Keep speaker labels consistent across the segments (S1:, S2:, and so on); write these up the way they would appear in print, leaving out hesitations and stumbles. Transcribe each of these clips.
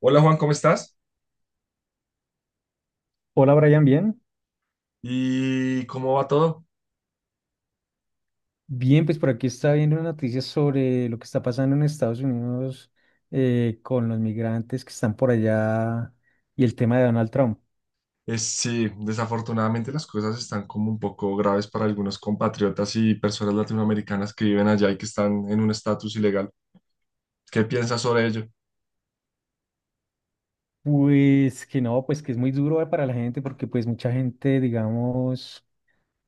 S1: Hola Juan, ¿cómo estás?
S2: Hola Brian, ¿bien?
S1: ¿Y cómo va todo?
S2: Bien, pues por aquí está viendo noticias sobre lo que está pasando en Estados Unidos, con los migrantes que están por allá y el tema de Donald Trump.
S1: Sí, desafortunadamente las cosas están como un poco graves para algunos compatriotas y personas latinoamericanas que viven allá y que están en un estatus ilegal. ¿Qué piensas sobre ello?
S2: Pues que no, pues que es muy duro, para la gente porque pues mucha gente, digamos.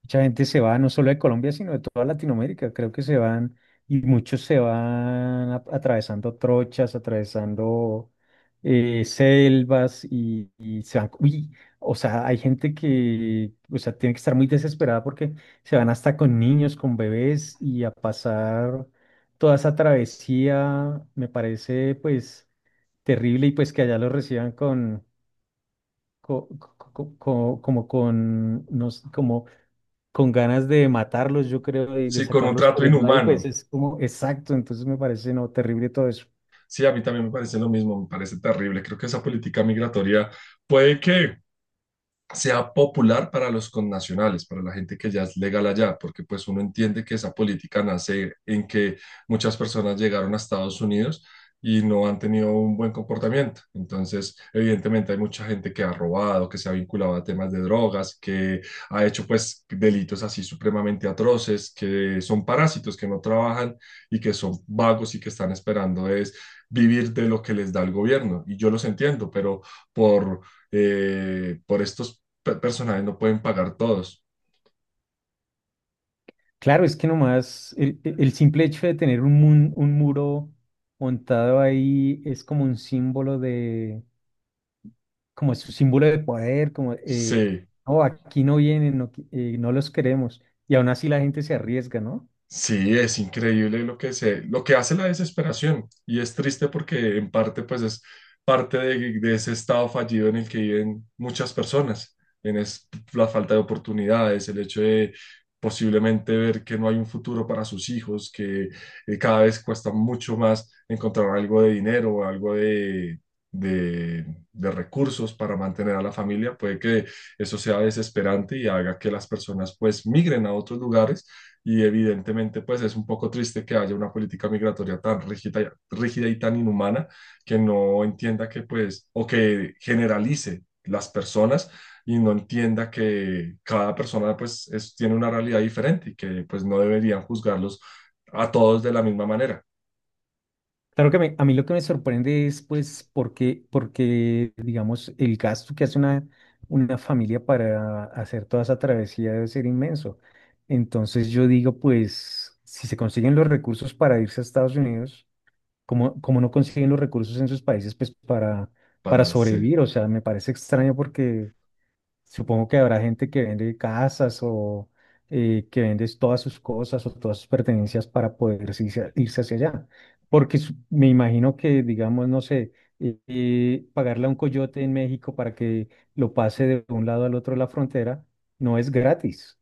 S2: Mucha gente se va no solo de Colombia, sino de toda Latinoamérica. Creo que se van y muchos se van atravesando trochas, atravesando selvas y se van. Uy, o sea, hay gente que, o sea, tiene que estar muy desesperada porque se van hasta con niños, con bebés y a pasar toda esa travesía. Me parece, pues, terrible y pues que allá los reciban con, co- co- co- co- como con, no sé, como con ganas de matarlos, yo creo, y de
S1: Sí, con un
S2: sacarlos
S1: trato
S2: corriendo ahí, pues
S1: inhumano.
S2: es como exacto, entonces me parece no terrible todo eso.
S1: Sí, a mí también me parece lo mismo, me parece terrible. Creo que esa política migratoria puede que sea popular para los connacionales, para la gente que ya es legal allá, porque pues uno entiende que esa política nace en que muchas personas llegaron a Estados Unidos y no han tenido un buen comportamiento. Entonces, evidentemente hay mucha gente que ha robado, que se ha vinculado a temas de drogas, que ha hecho pues delitos así supremamente atroces, que son parásitos, que no trabajan y que son vagos y que están esperando es vivir de lo que les da el gobierno. Y yo los entiendo, pero por por estos personajes no pueden pagar todos.
S2: Claro, es que nomás el simple hecho de tener un muro montado ahí es como un símbolo de, como es un símbolo de poder, como,
S1: Sí,
S2: no, aquí no vienen, no, no los queremos, y aún así la gente se arriesga, ¿no?
S1: sí, es increíble lo que se, lo que hace la desesperación y es triste porque en parte pues es parte de ese estado fallido en el que viven muchas personas, en es, la falta de oportunidades, el hecho de posiblemente ver que no hay un futuro para sus hijos, que cada vez cuesta mucho más encontrar algo de dinero o algo de, de recursos para mantener a la familia, puede que eso sea desesperante y haga que las personas pues migren a otros lugares y evidentemente, pues es un poco triste que haya una política migratoria tan rígida, rígida y tan inhumana que no entienda que, pues, o que generalice las personas y no entienda que cada persona, pues, tiene una realidad diferente y que, pues, no deberían juzgarlos a todos de la misma manera
S2: Claro que a mí lo que me sorprende es, pues, porque, digamos, el gasto que hace una familia para hacer toda esa travesía debe ser inmenso. Entonces yo digo, pues, si se consiguen los recursos para irse a Estados Unidos, como no consiguen los recursos en sus países, pues, para
S1: para, se-
S2: sobrevivir? O sea, me parece extraño porque supongo que habrá gente que vende casas o, que vende todas sus cosas o todas sus pertenencias para poder irse hacia allá. Porque me imagino que, digamos, no sé, pagarle a un coyote en México para que lo pase de un lado al otro de la frontera no es gratis.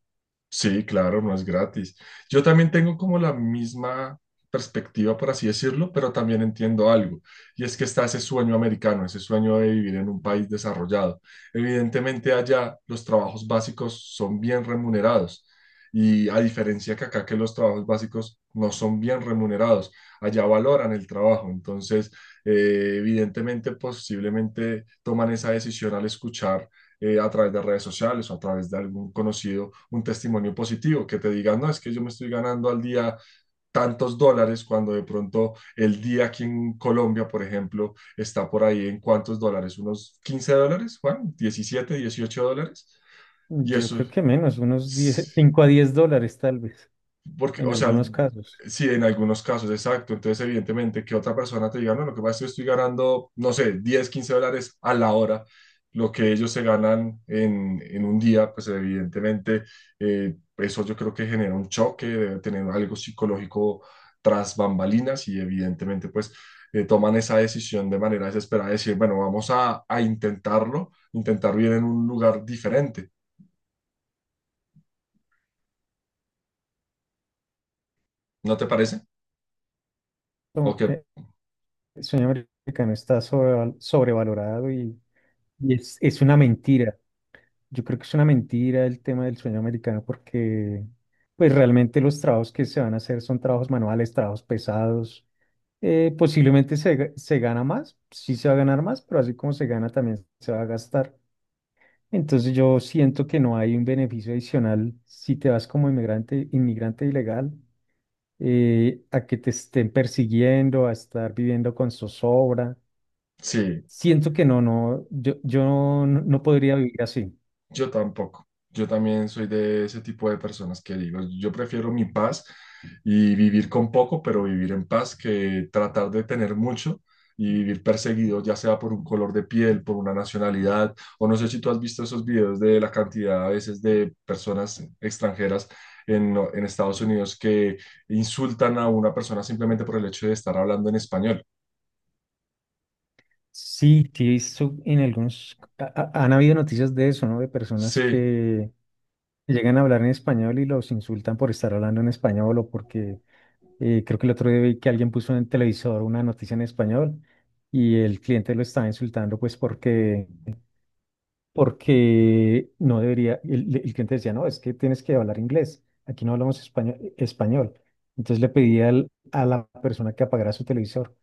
S1: Sí, claro, no es gratis. Yo también tengo como la misma perspectiva, por así decirlo, pero también entiendo algo, y es que está ese sueño americano, ese sueño de vivir en un país desarrollado. Evidentemente allá los trabajos básicos son bien remunerados, y a diferencia que acá que los trabajos básicos no son bien remunerados, allá valoran el trabajo, entonces evidentemente posiblemente toman esa decisión al escuchar a través de redes sociales o a través de algún conocido, un testimonio positivo que te diga, no, es que yo me estoy ganando al día tantos dólares cuando de pronto el día aquí en Colombia, por ejemplo, está por ahí en cuántos dólares, unos 15 dólares, Juan, 17 18 dólares. Y
S2: Yo
S1: eso
S2: creo que menos, unos 10,
S1: es
S2: 5 a 10 dólares tal vez,
S1: porque,
S2: en
S1: o sea,
S2: algunos casos.
S1: sí, en algunos casos, exacto. Entonces, evidentemente, que otra persona te diga, no, lo que pasa es que yo estoy ganando, no sé, 10 15 dólares a la hora, lo que ellos se ganan en un día, pues evidentemente, eso yo creo que genera un choque, debe tener algo psicológico tras bambalinas y evidentemente, pues, toman esa decisión de manera desesperada, de decir, bueno, vamos a intentarlo, intentar vivir en un lugar diferente. ¿No te parece? ¿O
S2: No,
S1: que
S2: el sueño americano está sobrevalorado y es una mentira. Yo creo que es una mentira el tema del sueño americano porque pues realmente los trabajos que se van a hacer son trabajos manuales, trabajos pesados. Posiblemente se gana más, sí se va a ganar más, pero así como se gana también se va a gastar. Entonces yo siento que no hay un beneficio adicional si te vas como inmigrante, inmigrante ilegal, a que te estén persiguiendo, a estar viviendo con zozobra.
S1: Sí.
S2: Siento que no, no, yo no podría vivir así.
S1: Yo tampoco. Yo también soy de ese tipo de personas que digo, yo prefiero mi paz y vivir con poco, pero vivir en paz, que tratar de tener mucho y vivir perseguido, ya sea por un color de piel, por una nacionalidad, o no sé si tú has visto esos videos de la cantidad a veces de personas extranjeras en Estados Unidos que insultan a una persona simplemente por el hecho de estar hablando en español.
S2: Sí, sí, he visto en algunos, han habido noticias de eso, ¿no? De personas
S1: Sí,
S2: que llegan a hablar en español y los insultan por estar hablando en español o porque, creo que el otro día vi que alguien puso en el televisor una noticia en español y el cliente lo estaba insultando pues porque, no debería, el cliente decía, no, es que tienes que hablar inglés, aquí no hablamos español, español. Entonces le pedí a la persona que apagara su televisor.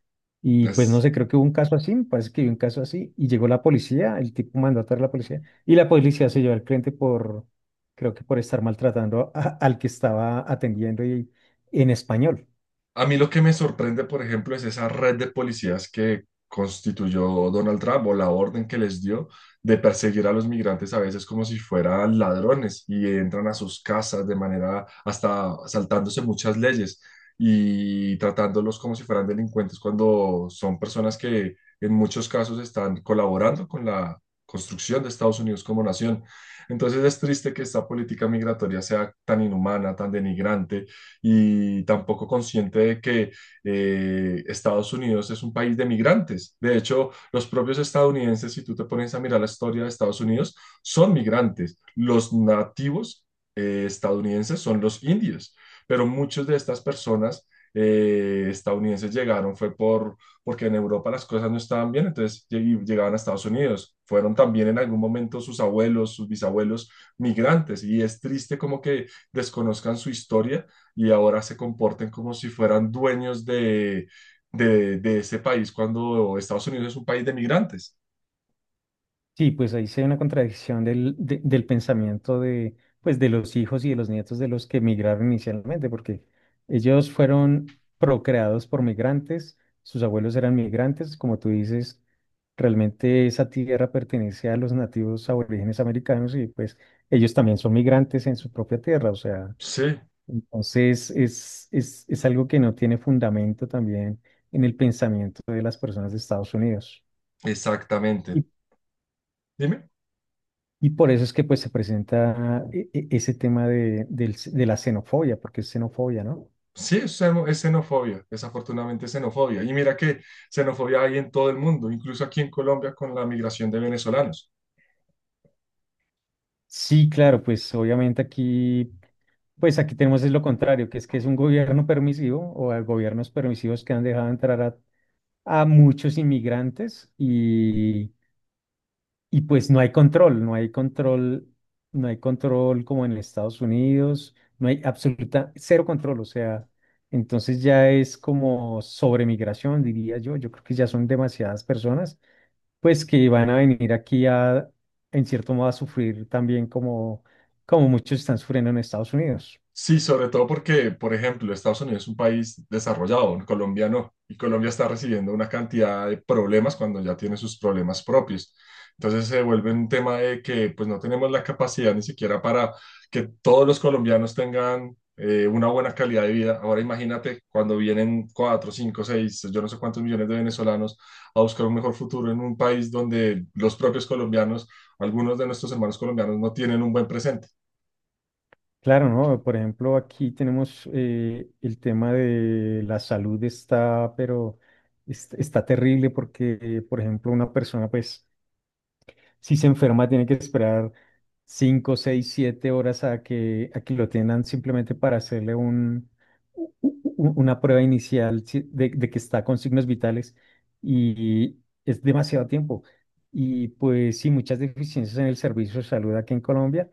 S2: Y pues no
S1: es
S2: sé, creo que hubo un caso así, me parece que hubo un caso así, y llegó la policía, el tipo mandó a traer la policía, y la policía se llevó al cliente por, creo que por estar maltratando al que estaba atendiendo y, en español.
S1: A mí lo que me sorprende, por ejemplo, es esa red de policías que constituyó Donald Trump o la orden que les dio de perseguir a los migrantes a veces como si fueran ladrones y entran a sus casas de manera hasta saltándose muchas leyes y tratándolos como si fueran delincuentes cuando son personas que en muchos casos están colaborando con la construcción de Estados Unidos como nación. Entonces es triste que esta política migratoria sea tan inhumana, tan denigrante y tampoco consciente de que Estados Unidos es un país de migrantes. De hecho, los propios estadounidenses, si tú te pones a mirar la historia de Estados Unidos, son migrantes. Los nativos estadounidenses son los indios, pero muchas de estas personas estadounidenses llegaron fue porque en Europa las cosas no estaban bien, entonces llegaban a Estados Unidos. Fueron también en algún momento sus abuelos, sus bisabuelos migrantes y es triste como que desconozcan su historia y ahora se comporten como si fueran dueños de, de ese país cuando Estados Unidos es un país de migrantes.
S2: Sí, pues ahí se ve una contradicción del pensamiento de, pues, de los hijos y de los nietos de los que emigraron inicialmente, porque ellos fueron procreados por migrantes, sus abuelos eran migrantes, como tú dices, realmente esa tierra pertenece a los nativos aborígenes americanos y pues ellos también son migrantes en su propia tierra, o sea,
S1: Sí,
S2: entonces es algo que no tiene fundamento también en el pensamiento de las personas de Estados Unidos.
S1: exactamente. Dime.
S2: Y por eso es que pues se presenta ese tema de la xenofobia, porque es xenofobia, ¿no?
S1: Sí, es xenofobia, desafortunadamente es xenofobia. Y mira que xenofobia hay en todo el mundo, incluso aquí en Colombia con la migración de venezolanos.
S2: Sí, claro, pues obviamente aquí, pues aquí tenemos es lo contrario, que es un gobierno permisivo o a gobiernos permisivos que han dejado entrar a muchos inmigrantes. Y pues no hay control, no hay control, no hay control como en Estados Unidos, no hay absoluta, cero control, o sea, entonces ya es como sobremigración, diría yo, creo que ya son demasiadas personas, pues que van a venir aquí a, en cierto modo, a sufrir también como muchos están sufriendo en Estados Unidos.
S1: Sí, sobre todo porque, por ejemplo, Estados Unidos es un país desarrollado, Colombia no, y Colombia está recibiendo una cantidad de problemas cuando ya tiene sus problemas propios. Entonces se vuelve un tema de que pues no tenemos la capacidad ni siquiera para que todos los colombianos tengan una buena calidad de vida. Ahora imagínate cuando vienen 4, 5, 6, yo no sé cuántos millones de venezolanos a buscar un mejor futuro en un país donde los propios colombianos, algunos de nuestros hermanos colombianos no tienen un buen presente.
S2: Claro, ¿no? Por ejemplo, aquí tenemos, el tema de la salud está, pero está terrible porque, por ejemplo, una persona, pues si se enferma, tiene que esperar 5, 6, 7 horas a que, lo tengan simplemente para hacerle una prueba inicial, de, que está con signos vitales y es demasiado tiempo. Y pues sí, muchas deficiencias en el servicio de salud aquí en Colombia,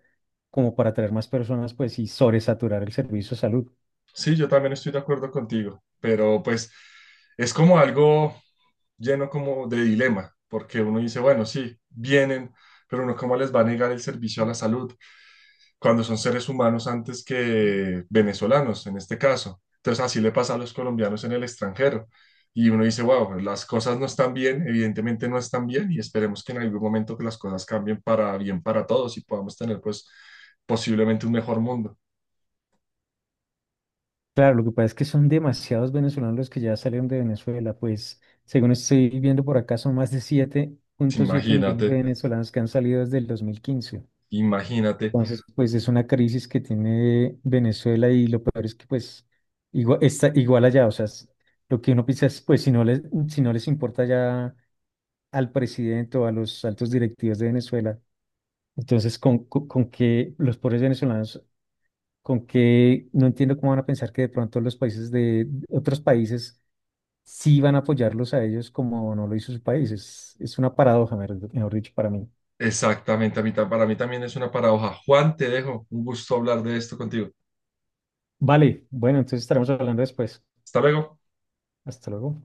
S2: como para traer más personas, pues y sobresaturar el servicio de salud.
S1: Sí, yo también estoy de acuerdo contigo, pero pues es como algo lleno como de dilema, porque uno dice, bueno, sí, vienen, pero uno cómo les va a negar el servicio a la salud cuando son seres humanos antes que venezolanos, en este caso. Entonces así le pasa a los colombianos en el extranjero. Y uno dice, wow, las cosas no están bien, evidentemente no están bien, y esperemos que en algún momento que las cosas cambien para bien para todos y podamos tener pues posiblemente un mejor mundo.
S2: Claro, lo que pasa es que son demasiados venezolanos los que ya salieron de Venezuela, pues según estoy viendo por acá son más de 7,7 millones de
S1: Imagínate,
S2: venezolanos que han salido desde el 2015.
S1: imagínate.
S2: Entonces, pues es una crisis que tiene Venezuela y lo peor es que pues igual, está igual allá, o sea, lo que uno piensa es, pues si no les importa ya al presidente o a los altos directivos de Venezuela, entonces con que los pobres venezolanos, con que no entiendo cómo van a pensar que de pronto los países de otros países sí van a apoyarlos a ellos como no lo hizo su país. Es una paradoja, mejor dicho, para mí.
S1: Exactamente, a mí para mí también es una paradoja. Juan, te dejo. Un gusto hablar de esto contigo.
S2: Vale, bueno, entonces estaremos hablando después.
S1: Hasta luego.
S2: Hasta luego.